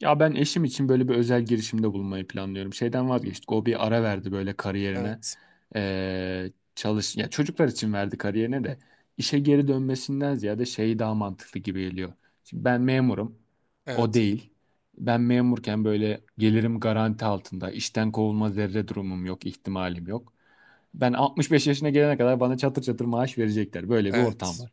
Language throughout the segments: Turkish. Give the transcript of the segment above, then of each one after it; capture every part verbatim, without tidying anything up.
Ya ben eşim için böyle bir özel girişimde bulunmayı planlıyorum. Şeyden vazgeçtik. O bir ara verdi böyle kariyerine. Evet. Ee, çalış ya Çocuklar için verdi kariyerine de işe geri dönmesinden ziyade şey daha mantıklı gibi geliyor. Şimdi ben memurum. O Evet. değil. Ben memurken böyle gelirim garanti altında. İşten kovulma zerre durumum yok, ihtimalim yok. Ben altmış beş yaşına gelene kadar bana çatır çatır maaş verecekler. Böyle bir ortam Evet. var.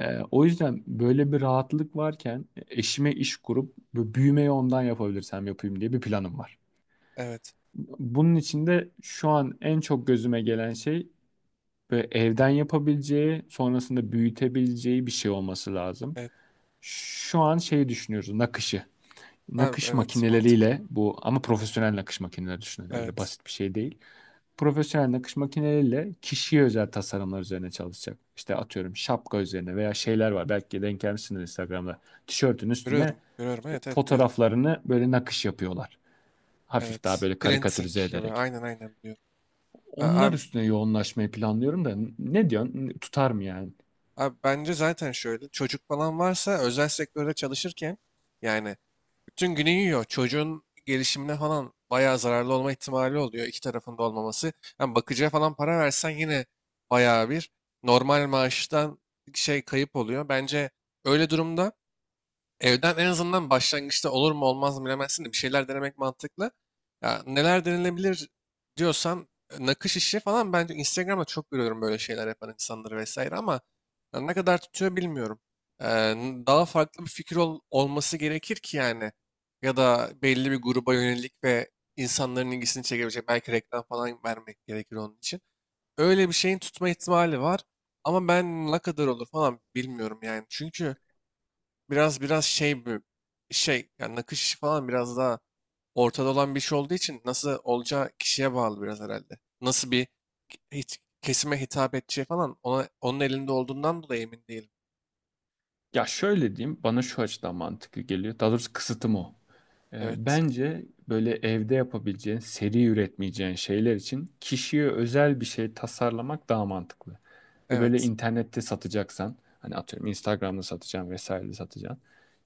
Ee, o yüzden böyle bir rahatlık varken e, eşime iş kurup bu büyümeyi ondan yapabilirsem yapayım diye bir planım var. Evet. Bunun içinde şu an en çok gözüme gelen şey, böyle evden yapabileceği, sonrasında büyütebileceği bir şey olması lazım. Evet. Şu an şeyi düşünüyoruz, nakışı. Ha, Nakış evet. Mantıklı. makineleriyle bu, ama profesyonel nakış makineleri düşünün, öyle Evet. basit bir şey değil. Profesyonel nakış makineleriyle kişiye özel tasarımlar üzerine çalışacak. İşte atıyorum şapka üzerine veya şeyler var. Belki denk gelmişsiniz Instagram'da. Tişörtün üstüne Görüyorum. Görüyorum. işte Evet. Evet. Biliyorum. fotoğraflarını böyle nakış yapıyorlar. Hafif daha Evet. böyle Printing karikatürize gibi. ederek. Aynen aynen biliyorum. A- Onlar Abi, üstüne yoğunlaşmayı planlıyorum da, ne diyorsun? Tutar mı yani? abi bence zaten şöyle. Çocuk falan varsa özel sektörde çalışırken yani bütün günü yiyor. Çocuğun gelişimine falan bayağı zararlı olma ihtimali oluyor. İki tarafında olmaması. Yani bakıcıya falan para versen yine bayağı bir normal maaştan şey kayıp oluyor. Bence öyle durumda evden en azından başlangıçta olur mu olmaz mı bilemezsin de bir şeyler denemek mantıklı. Ya neler denenebilir diyorsan e, nakış işi falan bence Instagram'da çok görüyorum böyle şeyler yapan insanları vesaire ama ya ne kadar tutuyor bilmiyorum. Ee, daha farklı bir fikir ol- olması gerekir ki yani ya da belli bir gruba yönelik ve insanların ilgisini çekebilecek belki reklam falan vermek gerekir onun için. Öyle bir şeyin tutma ihtimali var ama ben ne kadar olur falan bilmiyorum yani çünkü biraz biraz şey bir şey yani nakış işi falan biraz daha ortada olan bir şey olduğu için nasıl olacağı kişiye bağlı biraz herhalde. Nasıl bir hit- kesime hitap edeceği falan ona, onun elinde olduğundan dolayı emin değilim. Ya şöyle diyeyim, bana şu açıdan mantıklı geliyor. Daha doğrusu kısıtım o. E, Evet. Bence böyle evde yapabileceğin, seri üretmeyeceğin şeyler için kişiye özel bir şey tasarlamak daha mantıklı. Ve böyle Evet. internette satacaksan, hani atıyorum Instagram'da satacaksın vesaire satacaksın.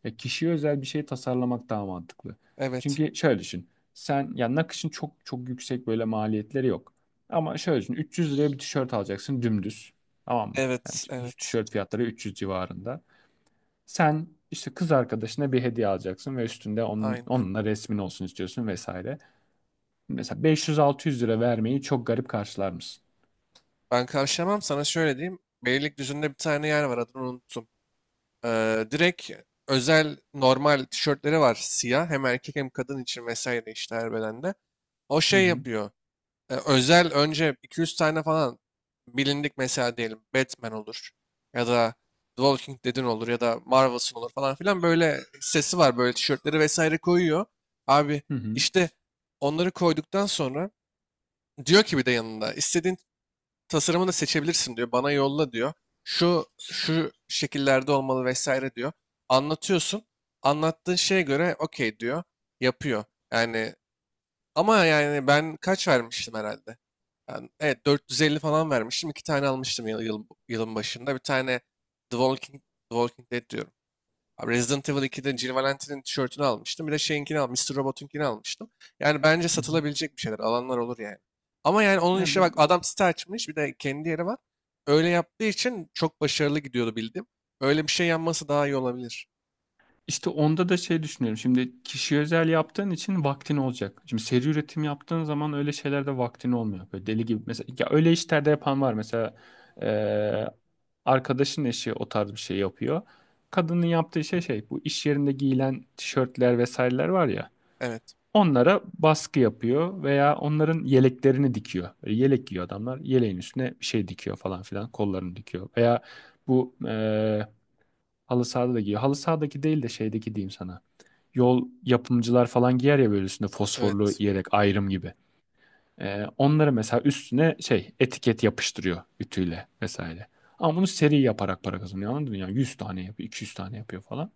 Ya kişiye özel bir şey tasarlamak daha mantıklı. Evet. Çünkü şöyle düşün. Sen ya nakışın çok çok yüksek böyle maliyetleri yok. Ama şöyle düşün. üç yüz liraya bir tişört alacaksın, dümdüz. Tamam mı? Yani Evet. düz Evet. tişört fiyatları üç yüz civarında. Sen işte kız arkadaşına bir hediye alacaksın ve üstünde onun, Aynen. onunla resmin olsun istiyorsun vesaire. Mesela beş yüz altı yüz lira vermeyi çok garip karşılar mısın? Ben karşılamam, sana şöyle diyeyim. Beylikdüzü'nde bir tane yer var, adını unuttum. Ee, direkt özel normal tişörtleri var siyah, hem erkek hem kadın için vesaire, işte her bedende. O Hı şey hı, yapıyor. E, özel önce iki yüz tane falan bilindik, mesela diyelim Batman olur ya da The Walking Dead'in olur ya da Marvel'sın olur falan filan, böyle sesi var, böyle tişörtleri vesaire koyuyor. Abi, hı hı, işte onları koyduktan sonra diyor ki, bir de yanında istediğin tasarımı da seçebilirsin diyor. Bana yolla diyor. Şu şu şekillerde olmalı vesaire diyor. Anlatıyorsun. Anlattığın şeye göre okey diyor. Yapıyor. Yani, ama yani ben kaç vermiştim herhalde? Ben, evet, dört yüz elli falan vermiştim. İki tane almıştım yıl, yıl- yılın başında. Bir tane The Walking, The Walking Dead diyorum. Abi, Resident Evil ikide Jill Valentine'in tişörtünü almıştım. Bir de şeyinkini al, mister Robot'unkini almıştım. Yani bence hı hı. satılabilecek bir şeyler. Alanlar olur yani. Ama yani onun Yani işine bak, ben, adam site açmış. Bir de kendi yeri var. Öyle yaptığı için çok başarılı gidiyordu bildim. Öyle bir şey yanması daha iyi olabilir. işte onda da şey düşünüyorum. Şimdi kişi özel yaptığın için vaktin olacak. Şimdi seri üretim yaptığın zaman öyle şeylerde vaktin olmuyor. Böyle deli gibi. Mesela ya öyle işlerde yapan var. Mesela eee, arkadaşın eşi o tarz bir şey yapıyor. Kadının yaptığı şey, şey, bu iş yerinde giyilen tişörtler vesaireler var ya. Evet. Onlara baskı yapıyor veya onların yeleklerini dikiyor. Böyle yelek giyiyor adamlar. Yeleğin üstüne bir şey dikiyor falan filan. Kollarını dikiyor. Veya bu eee halı sahada da giyiyor. Halı sahadaki değil de şeydeki diyeyim sana. Yol yapımcılar falan giyer ya, böyle üstünde fosforlu Evet. yelek ayrım gibi. Eee onları mesela üstüne şey etiket yapıştırıyor ütüyle vesaire. Ama bunu seri yaparak para kazanıyor, anladın mı? Yani yüz tane yapıyor, iki yüz tane yapıyor falan.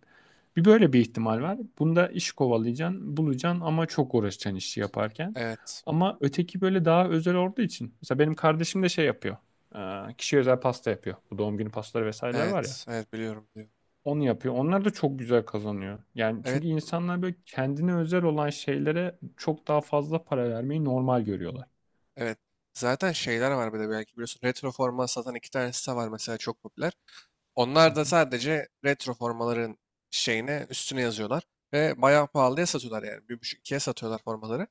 Bir böyle bir ihtimal var. Bunda iş kovalayacaksın, bulacaksın ama çok uğraşacaksın işi yaparken. Evet. Ama öteki böyle daha özel olduğu için. Mesela benim kardeşim de şey yapıyor. Ee, Kişiye özel pasta yapıyor. Bu doğum günü pastaları vesaireler var ya. Evet. Evet biliyorum. Biliyorum. Onu yapıyor. Onlar da çok güzel kazanıyor. Yani Evet. çünkü insanlar böyle kendine özel olan şeylere çok daha fazla para vermeyi normal görüyorlar. Evet. Zaten şeyler var bir de, belki biliyorsun. Retro forma satan iki tane site var mesela, çok popüler. Hı Onlar da hı. sadece retro formaların şeyine üstüne yazıyorlar. Ve bayağı pahalıya satıyorlar yani. Bir buçuk ikiye satıyorlar formaları.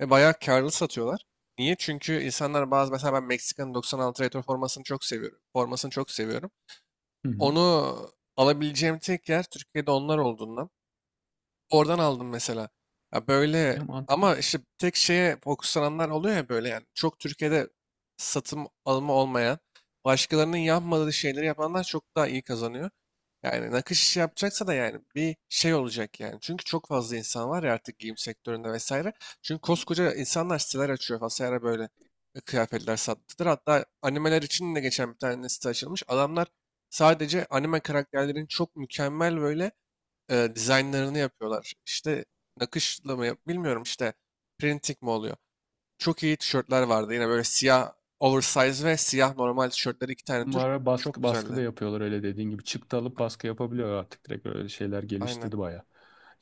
Ve bayağı karlı satıyorlar. Niye? Çünkü insanlar bazı, mesela ben Meksika'nın doksan altı retro formasını çok seviyorum. Formasını çok seviyorum. Hı hı. Onu alabileceğim tek yer Türkiye'de onlar olduğundan. Oradan aldım mesela. Ya böyle, Ya mantıklı. ama işte tek şeye fokuslananlar oluyor ya böyle yani. Çok Türkiye'de satım alımı olmayan, başkalarının yapmadığı şeyleri yapanlar çok daha iyi kazanıyor. Yani nakış işi yapacaksa da yani bir şey olacak yani. Çünkü çok fazla insan var ya artık giyim sektöründe vesaire. Çünkü koskoca insanlar siteler açıyor vesaire, böyle e, kıyafetler sattılar. Hatta animeler için de geçen bir tane site açılmış. Adamlar sadece anime karakterlerin çok mükemmel böyle e, dizaynlarını yapıyorlar. İşte nakışla mı yap bilmiyorum, işte printing mi oluyor. Çok iyi tişörtler vardı. Yine böyle siyah oversize ve siyah normal tişörtleri, iki tane tür. Bunlara Çok baskı, baskı da güzeldi. yapıyorlar öyle dediğin gibi. Çıktı alıp Ay- baskı yapabiliyor artık direkt, öyle şeyler Aynen. geliştirdi baya.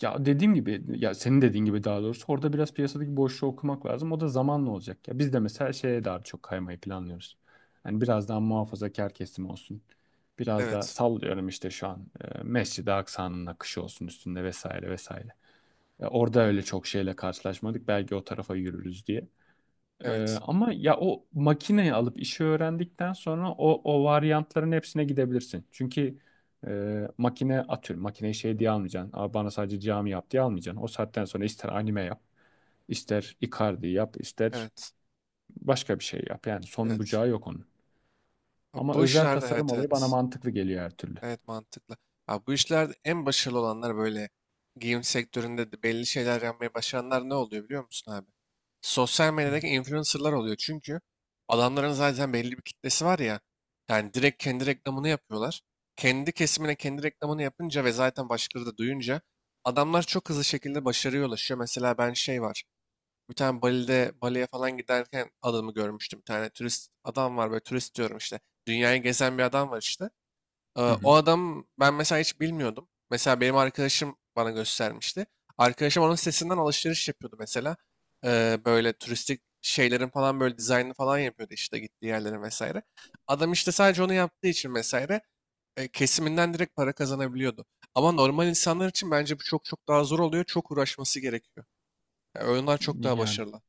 Ya dediğim gibi, ya senin dediğin gibi daha doğrusu, orada biraz piyasadaki boşluğu okumak lazım. O da zamanla olacak. Ya biz de mesela şeye daha çok kaymayı planlıyoruz. Yani biraz daha muhafazakar kesim olsun. Biraz daha Evet. sallıyorum, işte şu an e, Mescid-i Aksa'nın akışı olsun üstünde vesaire vesaire. Ya orada öyle çok şeyle karşılaşmadık. Belki o tarafa yürürüz diye. Ee, Evet. Ama ya o makineyi alıp işi öğrendikten sonra o o varyantların hepsine gidebilirsin. Çünkü e, makine atıyorum, makineyi şey diye almayacaksın. Aa, bana sadece cami yap diye almayacaksın. O saatten sonra ister anime yap, ister Icardi yap, ister Evet. başka bir şey yap. Yani son Evet. bucağı yok onun. Ha, Ama bu özel işlerde tasarım evet, olayı bana evet. mantıklı geliyor her türlü. Evet, mantıklı. Abi, bu işlerde en başarılı olanlar böyle giyim sektöründe de belli şeyler yapmayı başaranlar ne oluyor biliyor musun abi? Sosyal Hı medyadaki influencerlar oluyor. Çünkü adamların zaten belli bir kitlesi var ya. Yani direkt kendi reklamını yapıyorlar. Kendi kesimine kendi reklamını yapınca ve zaten başkaları da duyunca adamlar çok hızlı şekilde başarıya ulaşıyor. Mesela ben şey var. Bir tane Bali'de, Bali'ye falan giderken adamı görmüştüm. Bir tane turist adam var, böyle turist diyorum işte. Dünyayı gezen bir adam var işte. Ee, hı. Hı O hı. adam, ben mesela hiç bilmiyordum. Mesela benim arkadaşım bana göstermişti. Arkadaşım onun sitesinden alışveriş yapıyordu mesela. Ee, böyle turistik şeylerin falan böyle dizaynını falan yapıyordu işte, gittiği yerlere vesaire. Adam işte sadece onu yaptığı için vesaire e, kesiminden direkt para kazanabiliyordu. Ama normal insanlar için bence bu çok çok daha zor oluyor. Çok uğraşması gerekiyor. Yani oyunlar çok daha Yani, başarılı.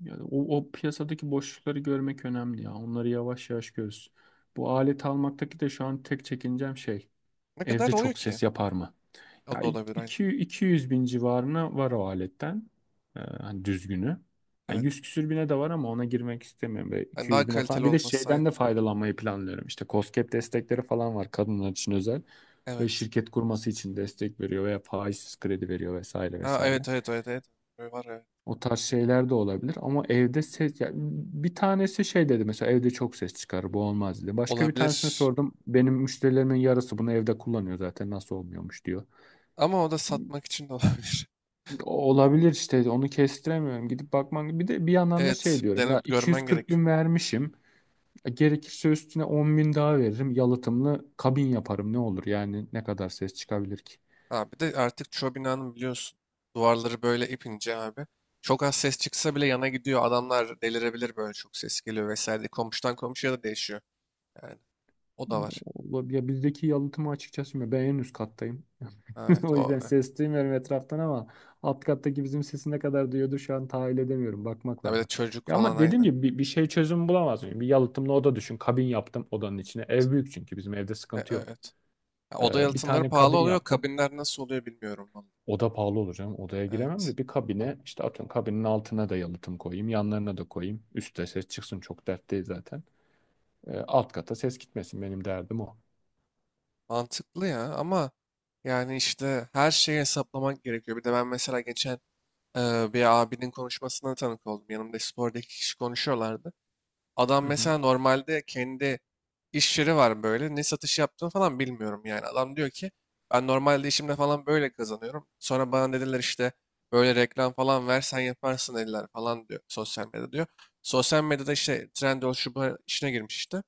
yani o, o piyasadaki boşlukları görmek önemli ya. Onları yavaş yavaş görürüz. Bu alet almaktaki de şu an tek çekincem şey. Ne kadar Evde oluyor çok ki? ses yapar mı? O Ya da olabilir aynı. iki iki- yüz bin civarına var o aletten. Ee, hani düzgünü. Yani yüz Evet. küsür bine de var ama ona girmek istemiyorum. Böyle Yani iki daha yüz bine falan. kaliteli Bir de olması şeyden aynı. de faydalanmayı planlıyorum. İşte KOSGEB destekleri falan var kadınlar için özel. Ve Evet. şirket kurması için destek veriyor veya faizsiz kredi veriyor vesaire Ha, vesaire. evet, evet, evet, evet. Var, evet. O tarz şeyler de olabilir, ama evde ses, ya bir tanesi şey dedi mesela, evde çok ses çıkar, bu olmaz dedi. Başka bir tanesine Olabilir. sordum. Benim müşterilerimin yarısı bunu evde kullanıyor zaten, nasıl olmuyormuş diyor. Ama o da satmak için de olabilir. Olabilir, işte onu kestiremiyorum. Gidip bakman, bir de bir yandan da Evet, şey diyorum dene, ya, görmen iki yüz kırk gerekiyor. bin vermişim. E, Gerekirse üstüne on bin daha veririm. Yalıtımlı kabin yaparım, ne olur yani, ne kadar ses çıkabilir ki? Ha, bir de artık çoğu binanın biliyorsun duvarları böyle ipince abi. Çok az ses çıksa bile yana gidiyor. Adamlar delirebilir böyle, çok ses geliyor vesaire diye. Komşudan komşuya da değişiyor. Yani o da var. Ola- Ya bizdeki yalıtımı açıkçası bilmiyorum. Ben en üst kattayım. Evet, O o. yüzden e. ses duymuyorum etraftan, ama alt kattaki bizim sesi ne kadar duyuyordur şu an tahayyül edemiyorum. Bakmak Ha, bir de lazım. çocuk Ya falan ama dediğim aynı. gibi bir, bir şey çözüm bulamaz mıyım? Bir yalıtımlı oda düşün. Kabin yaptım odanın içine. Ev büyük, çünkü bizim evde E, e, sıkıntı yok. evet. Ha, oda Ee, bir yalıtımları tane pahalı kabin oluyor. yaptım. Kabinler nasıl oluyor bilmiyorum vallahi. Oda pahalı olur canım. Odaya giremem Evet. de, bir kabine işte atıyorum, kabinin altına da yalıtım koyayım. Yanlarına da koyayım. Üstte ses çıksın, çok dert değil zaten. Ee, alt kata ses gitmesin, benim derdim o. Mantıklı ya, ama yani işte her şeyi hesaplamak gerekiyor. Bir de ben mesela geçen Ee, bir abinin konuşmasına tanık oldum. Yanımda sporda iki kişi konuşuyorlardı. Adam Hı hı. mesela normalde kendi iş yeri var böyle. Ne satış yaptığını falan bilmiyorum yani. Adam diyor ki, ben normalde işimde falan böyle kazanıyorum. Sonra bana dediler işte, böyle reklam falan versen yaparsın eller falan diyor, sosyal medyada diyor. Sosyal medyada işte Trendyol, şu bu işine girmiş işte.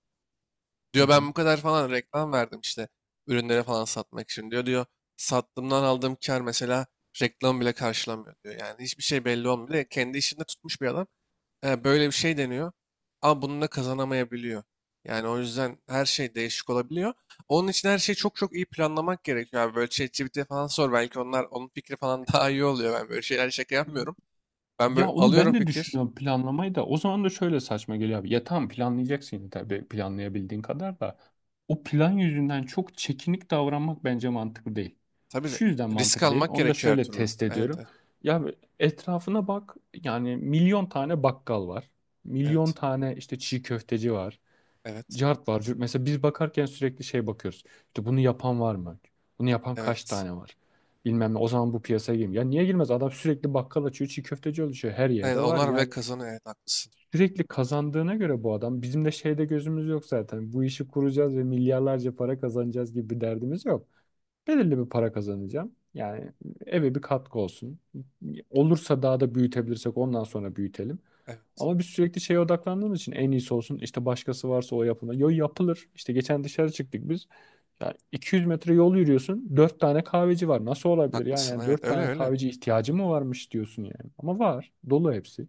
Hı Diyor, ben hı. bu kadar falan reklam verdim işte ürünlere falan satmak için diyor. Diyor, sattığımdan aldığım kar mesela reklam bile karşılamıyor diyor. Yani hiçbir şey belli olmuyor. Kendi işinde tutmuş bir adam. E, böyle bir şey deniyor. Ama bununla kazanamayabiliyor. Yani o yüzden her şey değişik olabiliyor. Onun için her şeyi çok çok iyi planlamak gerekiyor abi. Böyle ChatGPT'ye falan sor. Belki onlar onun fikri falan daha iyi oluyor. Ben böyle şeyler şaka yapmıyorum. Ben Ya böyle onu alıyorum ben de fikir. düşünüyorum, planlamayı da. O zaman da şöyle saçma geliyor abi. Ya tamam, planlayacaksın yine tabii, planlayabildiğin kadar da. O plan yüzünden çok çekinik davranmak bence mantıklı değil. Tabii de Şu yüzden risk mantıklı değil. almak Onu da gerekiyor her şöyle türlü. test Evet, ediyorum. evet, Ya etrafına bak. Yani milyon tane bakkal var. Milyon evet, tane işte çiğ köfteci var, evet, cart var. Mesela biz bakarken sürekli şey bakıyoruz. İşte bunu yapan var mı? Bunu yapan kaç evet. tane var? Bilmem ne. O zaman bu piyasaya girmiyor. Ya niye girmez? Adam sürekli bakkal açıyor, çiğ köfteci oluşuyor. Her Evet, yerde var. onlar bile Yani kazanıyor. Evet, haklısın. sürekli kazandığına göre bu adam, bizim de şeyde gözümüz yok zaten. Bu işi kuracağız ve milyarlarca para kazanacağız gibi bir derdimiz yok. Belirli bir para kazanacağım. Yani eve bir katkı olsun. Olursa daha da büyütebilirsek, ondan sonra büyütelim. Evet, Ama biz sürekli şeye odaklandığımız için en iyisi olsun. İşte başkası varsa o yapılır. Yo, yapılır. İşte geçen dışarı çıktık biz. Ya iki yüz metre yol yürüyorsun, dört tane kahveci var. Nasıl olabilir ya? haklısın. Yani Evet, dört öyle tane öyle. kahveci ihtiyacı mı varmış diyorsun yani. Ama var. Dolu hepsi.